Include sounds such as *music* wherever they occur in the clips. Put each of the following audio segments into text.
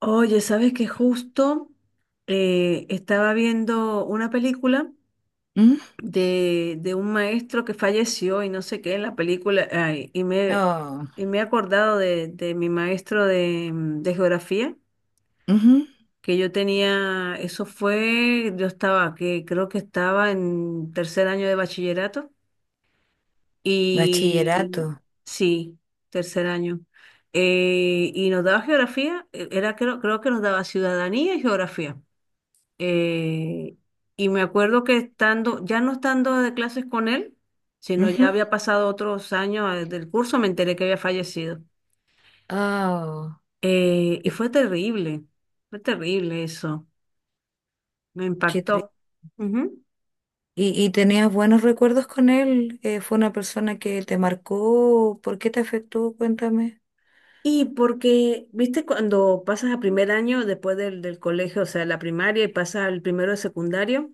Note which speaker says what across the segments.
Speaker 1: Oye, ¿sabes que justo estaba viendo una película
Speaker 2: Mm.
Speaker 1: de un maestro que falleció y no sé qué en la película, ay,
Speaker 2: Oh.
Speaker 1: y me he acordado de mi maestro de geografía,
Speaker 2: Ujú.
Speaker 1: que yo tenía, eso fue, yo estaba, que creo que estaba en tercer año de bachillerato,
Speaker 2: Bachillerato.
Speaker 1: y sí, tercer año. Y nos daba geografía, era creo que nos daba ciudadanía y geografía. Eh, y me acuerdo que estando, ya no estando de clases con él, sino ya
Speaker 2: Ujú.
Speaker 1: había pasado otros años del curso, me enteré que había fallecido.
Speaker 2: Oh,
Speaker 1: Y
Speaker 2: qué,
Speaker 1: fue terrible eso, me
Speaker 2: qué tri-
Speaker 1: impactó. Ujú.
Speaker 2: ¿Y, tenías buenos recuerdos con él? ¿Fue una persona que te marcó? ¿Por qué te afectó? Cuéntame.
Speaker 1: Y porque, viste, cuando pasas a primer año después del colegio, o sea, la primaria y pasas al primero de secundario,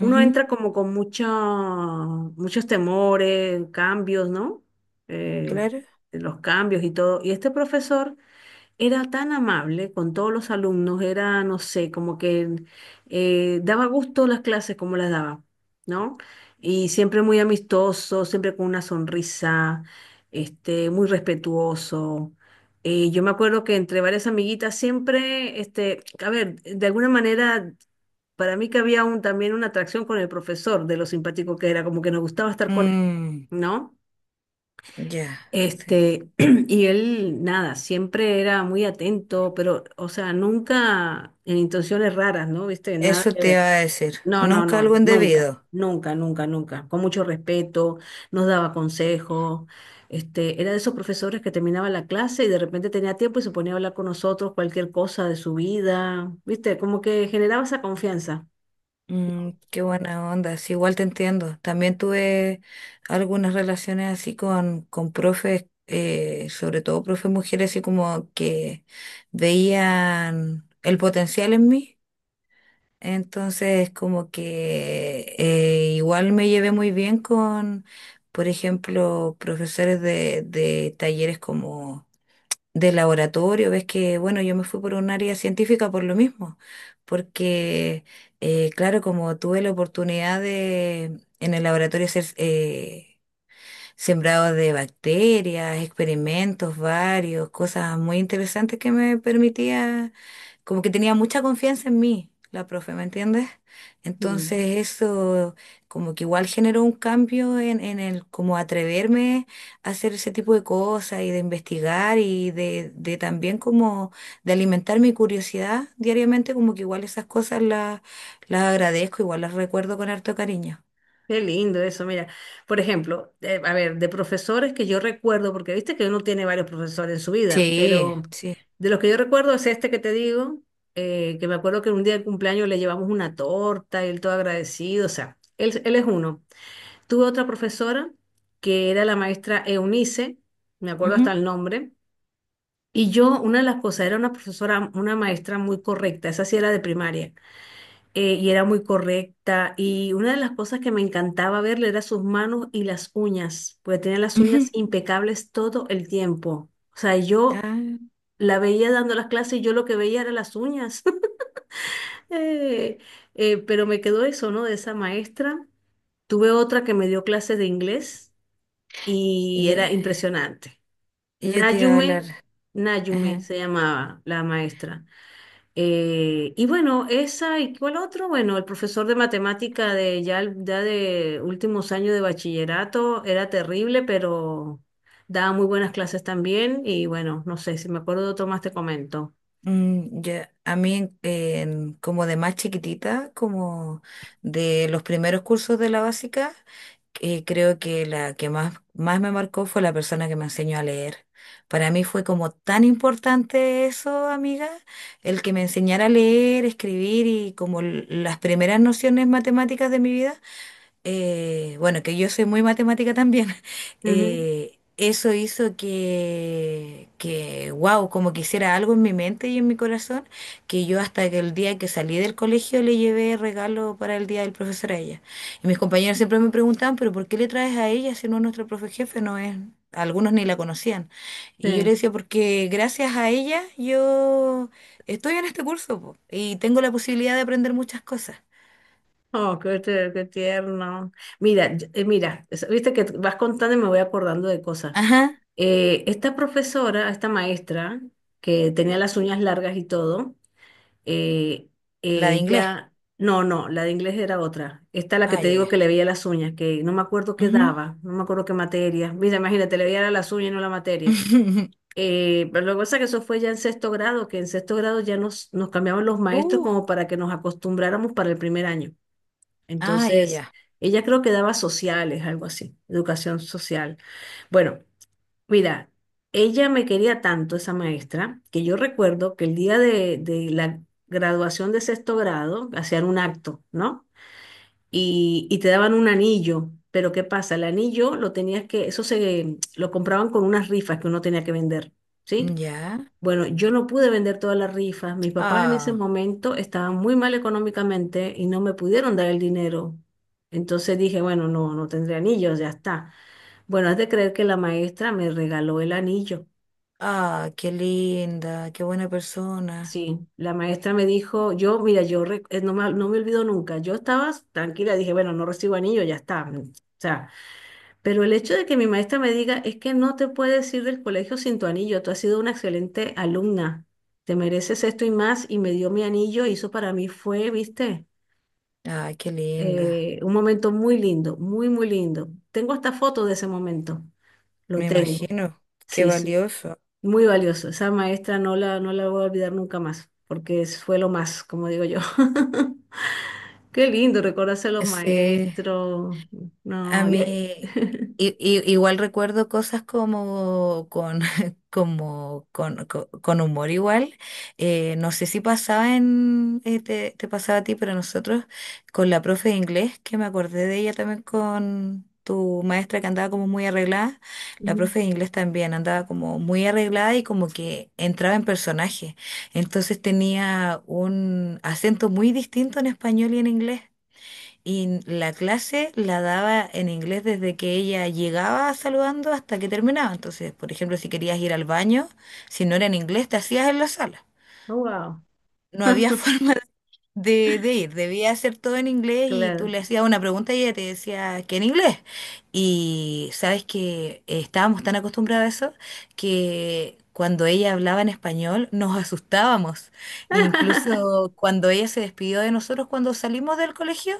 Speaker 1: uno
Speaker 2: Ujú.
Speaker 1: entra como con mucho, muchos temores, cambios, ¿no? Eh,
Speaker 2: Claro.
Speaker 1: los cambios y todo. Y este profesor era tan amable con todos los alumnos, era, no sé, como que daba gusto las clases como las daba, ¿no? Y siempre muy amistoso, siempre con una sonrisa, este, muy respetuoso. Yo me acuerdo que entre varias amiguitas siempre, este, a ver, de alguna manera, para mí que había un, también una atracción con el profesor, de lo simpático que era, como que nos gustaba estar con él,
Speaker 2: Mm,
Speaker 1: ¿no?
Speaker 2: ya, sí.
Speaker 1: Este, *clears throat* y él, nada, siempre era muy atento, pero, o sea, nunca en intenciones raras, ¿no? ¿Viste? Nada
Speaker 2: Eso
Speaker 1: que
Speaker 2: te iba
Speaker 1: ver.
Speaker 2: a decir.
Speaker 1: No, no,
Speaker 2: Nunca
Speaker 1: no,
Speaker 2: algo
Speaker 1: nunca,
Speaker 2: indebido.
Speaker 1: nunca, nunca, nunca. Con mucho respeto, nos daba consejos. Este, era de esos profesores que terminaba la clase y de repente tenía tiempo y se ponía a hablar con nosotros cualquier cosa de su vida, ¿viste? Como que generaba esa confianza.
Speaker 2: Mm, qué buena onda, sí, igual te entiendo. También tuve algunas relaciones así con profes, sobre todo profes mujeres, así como que veían el potencial en mí. Entonces, como que igual me llevé muy bien con, por ejemplo, profesores de talleres como de laboratorio, ves que, bueno, yo me fui por un área científica por lo mismo, porque, claro, como tuve la oportunidad de en el laboratorio ser sembrado de bacterias, experimentos varios, cosas muy interesantes que me permitía como que tenía mucha confianza en mí, la profe, ¿me entiendes?
Speaker 1: Mm.
Speaker 2: Entonces eso como que igual generó un cambio en el como atreverme a hacer ese tipo de cosas y de investigar y de también como de alimentar mi curiosidad diariamente, como que igual esas cosas las agradezco, igual las recuerdo con harto cariño.
Speaker 1: Qué lindo eso, mira. Por ejemplo, a ver, de profesores que yo recuerdo, porque viste que uno tiene varios profesores en su vida,
Speaker 2: Sí,
Speaker 1: pero
Speaker 2: sí.
Speaker 1: de los que yo recuerdo es este que te digo, que me acuerdo que un día de cumpleaños le llevamos una torta y él todo agradecido, o sea, él es uno. Tuve otra profesora que era la maestra Eunice, me acuerdo hasta
Speaker 2: Ujú,
Speaker 1: el nombre, y yo, una de las cosas, era una profesora, una maestra muy correcta, esa sí era de primaria y era muy correcta. Y una de las cosas que me encantaba verle era sus manos y las uñas, porque tenía las uñas
Speaker 2: ujú.
Speaker 1: impecables todo el tiempo. O sea, yo
Speaker 2: Ah,
Speaker 1: la veía dando las clases y yo lo que veía era las uñas. *laughs* Eh, pero me quedó eso, ¿no? De esa maestra. Tuve otra que me dio clases de inglés
Speaker 2: y
Speaker 1: y
Speaker 2: yo,
Speaker 1: era impresionante.
Speaker 2: y yo te iba a hablar.
Speaker 1: Nayume, Nayume se llamaba la maestra. Y bueno, esa y cuál otro, bueno, el profesor de matemática de ya, ya de últimos años de bachillerato era terrible, pero daba muy buenas clases también. Y bueno, no sé, si me acuerdo de otro más te comento.
Speaker 2: Mm, ya. A mí, en- como de más chiquitita, como de los primeros cursos de la básica, creo que la que más, más me marcó fue la persona que me enseñó a leer. Para mí fue como tan importante eso, amiga, el que me enseñara a leer, escribir y como l- las primeras nociones matemáticas de mi vida, bueno, que yo soy muy matemática también, *laughs*
Speaker 1: Ujú.
Speaker 2: eso hizo que, wow, como que hiciera algo en mi mente y en mi corazón, que yo hasta que el día que salí del colegio le llevé regalo para el día del profesor a ella. Y mis compañeros siempre me preguntaban, pero ¿por qué le traes a ella si no es nuestra profe jefe? No es, algunos ni la conocían. Y yo le
Speaker 1: Sí.
Speaker 2: decía, porque gracias a ella yo estoy en este curso, po, y tengo la posibilidad de aprender muchas cosas.
Speaker 1: Oh, qué, qué tierno. Mira, mira, viste que vas contando y me voy acordando de cosas.
Speaker 2: Ajá,
Speaker 1: Esta profesora, esta maestra, que tenía las uñas largas y todo. eh,
Speaker 2: la de inglés.
Speaker 1: Ella, no, no, la de inglés era otra. Esta la que te
Speaker 2: Ay, ay,
Speaker 1: digo
Speaker 2: ay.
Speaker 1: que le veía las uñas, que no me acuerdo qué
Speaker 2: Ujú.
Speaker 1: daba, no me acuerdo qué materia. Mira, imagínate, le veía las uñas y no la materia.
Speaker 2: *laughs*
Speaker 1: Pero lo que pasa es que eso fue ya en sexto grado, que en sexto grado ya nos cambiaban los maestros
Speaker 2: Uh,
Speaker 1: como para que nos acostumbráramos para el primer año.
Speaker 2: ah, ya,
Speaker 1: Entonces,
Speaker 2: ya.
Speaker 1: ella creo que daba sociales, algo así, educación social. Bueno, mira, ella me quería tanto, esa maestra, que yo recuerdo que el día de la graduación de sexto grado hacían un acto, ¿no? Y te daban un anillo, pero ¿qué pasa? El anillo lo tenías que, eso se lo compraban con unas rifas que uno tenía que vender, ¿sí?
Speaker 2: Ya.
Speaker 1: Bueno, yo no pude vender todas las rifas. Mis papás en ese
Speaker 2: Ah,
Speaker 1: momento estaban muy mal económicamente y no me pudieron dar el dinero. Entonces dije, bueno, no, no tendré anillos, ya está. Bueno, has de creer que la maestra me regaló el anillo.
Speaker 2: ah, qué linda, qué buena persona.
Speaker 1: Sí, la maestra me dijo, yo, mira, no me, no me olvido nunca. Yo estaba tranquila, dije, bueno, no recibo anillo, ya está. O sea, pero el hecho de que mi maestra me diga es que no te puedes ir del colegio sin tu anillo, tú has sido una excelente alumna, te mereces esto y más, y me dio mi anillo, y eso para mí fue, viste,
Speaker 2: Ah, qué linda.
Speaker 1: un momento muy lindo, muy, muy lindo. Tengo hasta fotos de ese momento, lo
Speaker 2: Me
Speaker 1: tengo.
Speaker 2: imagino, qué
Speaker 1: Sí, sí,
Speaker 2: valioso.
Speaker 1: muy valioso. Esa maestra no la voy a olvidar nunca más, porque fue lo más, como digo yo. *laughs* Qué lindo recordarse a los
Speaker 2: Sí.
Speaker 1: maestros.
Speaker 2: A
Speaker 1: No,
Speaker 2: mí igual recuerdo cosas como con, *laughs* como con, co- con humor igual. No sé si pasaba en, te, te pasaba a ti, pero nosotros con la profe de inglés, que me acordé de ella también con tu maestra que andaba como muy arreglada, la
Speaker 1: ujú.
Speaker 2: profe de inglés también andaba como muy arreglada y como que entraba en personaje. Entonces tenía un acento muy distinto en español y en inglés. Y la clase la daba en inglés desde que ella llegaba saludando hasta que terminaba. Entonces, por ejemplo, si querías ir al baño, si no era en inglés, te hacías en la sala.
Speaker 1: Oh, wow.
Speaker 2: No había *laughs*
Speaker 1: *laughs*
Speaker 2: forma de ir. Debía hacer todo en inglés y tú
Speaker 1: Claro.
Speaker 2: le hacías una pregunta y ella te decía que en inglés. Y sabes que estábamos tan acostumbrados a eso que cuando ella hablaba en español nos asustábamos.
Speaker 1: *laughs*
Speaker 2: Incluso cuando ella se despidió de nosotros cuando salimos del colegio,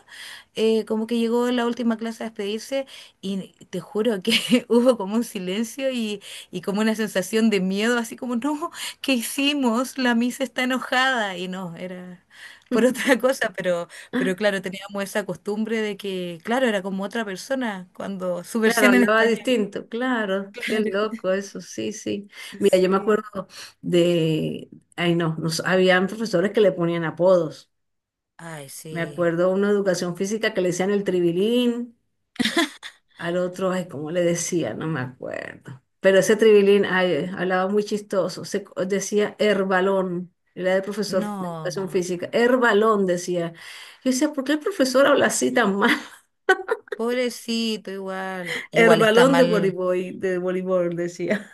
Speaker 2: como que llegó en la última clase a despedirse y te juro que *laughs* hubo como un silencio y como una sensación de miedo, así como, no, ¿qué hicimos? La misa está enojada y no, era por otra *laughs* cosa, pero claro, teníamos esa costumbre de que, claro, era como otra persona cuando su
Speaker 1: Claro,
Speaker 2: versión en
Speaker 1: hablaba
Speaker 2: español,
Speaker 1: distinto, claro, qué
Speaker 2: claro.
Speaker 1: loco
Speaker 2: *laughs*
Speaker 1: eso, sí, sí. Mira, yo me
Speaker 2: Sí.
Speaker 1: acuerdo de, ay no, nos, habían profesores que le ponían apodos.
Speaker 2: Ay,
Speaker 1: Me
Speaker 2: sí.
Speaker 1: acuerdo una educación física que le decían el tribilín, al otro, ay, ¿cómo le decía? No me acuerdo. Pero ese tribilín, ay, hablaba muy chistoso, decía herbalón, era el profesor de educación
Speaker 2: No,
Speaker 1: física, herbalón decía. Yo decía, ¿por qué el profesor habla así tan mal?
Speaker 2: pobrecito, igual.
Speaker 1: El
Speaker 2: Igual está
Speaker 1: balón
Speaker 2: mal.
Speaker 1: de voleibol, decía.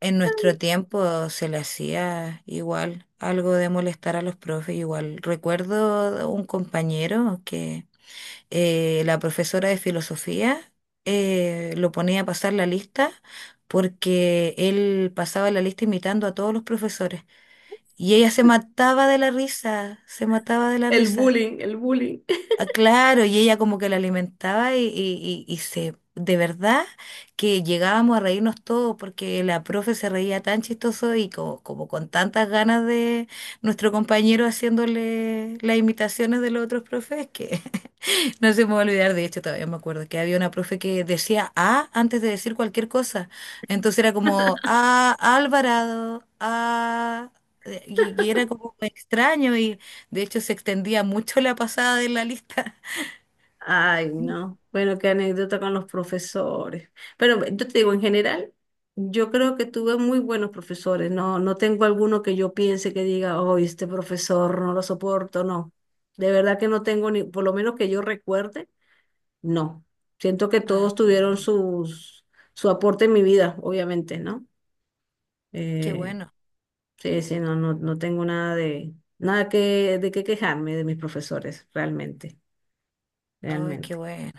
Speaker 2: En nuestro tiempo se le hacía igual algo de molestar a los profes. Igual recuerdo un compañero que la profesora de filosofía lo ponía a pasar la lista porque él pasaba la lista imitando a todos los profesores. Y ella se mataba de la risa, se mataba de la
Speaker 1: El
Speaker 2: risa.
Speaker 1: bullying, el bullying.
Speaker 2: Ah, claro, y ella como que la alimentaba y, y se, de verdad que llegábamos a reírnos todos porque la profe se reía tan chistoso y co- como, con tantas ganas de nuestro compañero haciéndole las imitaciones de los otros profes que *laughs* no se me va a olvidar, de hecho todavía me acuerdo que había una profe que decía A antes de decir cualquier cosa, entonces era como A Alvarado, A Y, y era como extraño y de hecho se extendía mucho la pasada de la lista. *laughs*
Speaker 1: Ay, no. Bueno, qué anécdota con los profesores. Pero yo te digo, en general, yo creo que tuve muy buenos profesores. No, no tengo alguno que yo piense que diga, oh, este profesor no lo soporto. No. De verdad que no tengo ni, por lo menos que yo recuerde, no. Siento que
Speaker 2: Ah,
Speaker 1: todos tuvieron sus, su aporte en mi vida, obviamente, ¿no?
Speaker 2: qué
Speaker 1: Eh,
Speaker 2: bueno,
Speaker 1: Sí, sí, no, no, no tengo nada de, nada que, de qué quejarme de mis profesores, realmente,
Speaker 2: ay, qué
Speaker 1: realmente.
Speaker 2: bueno.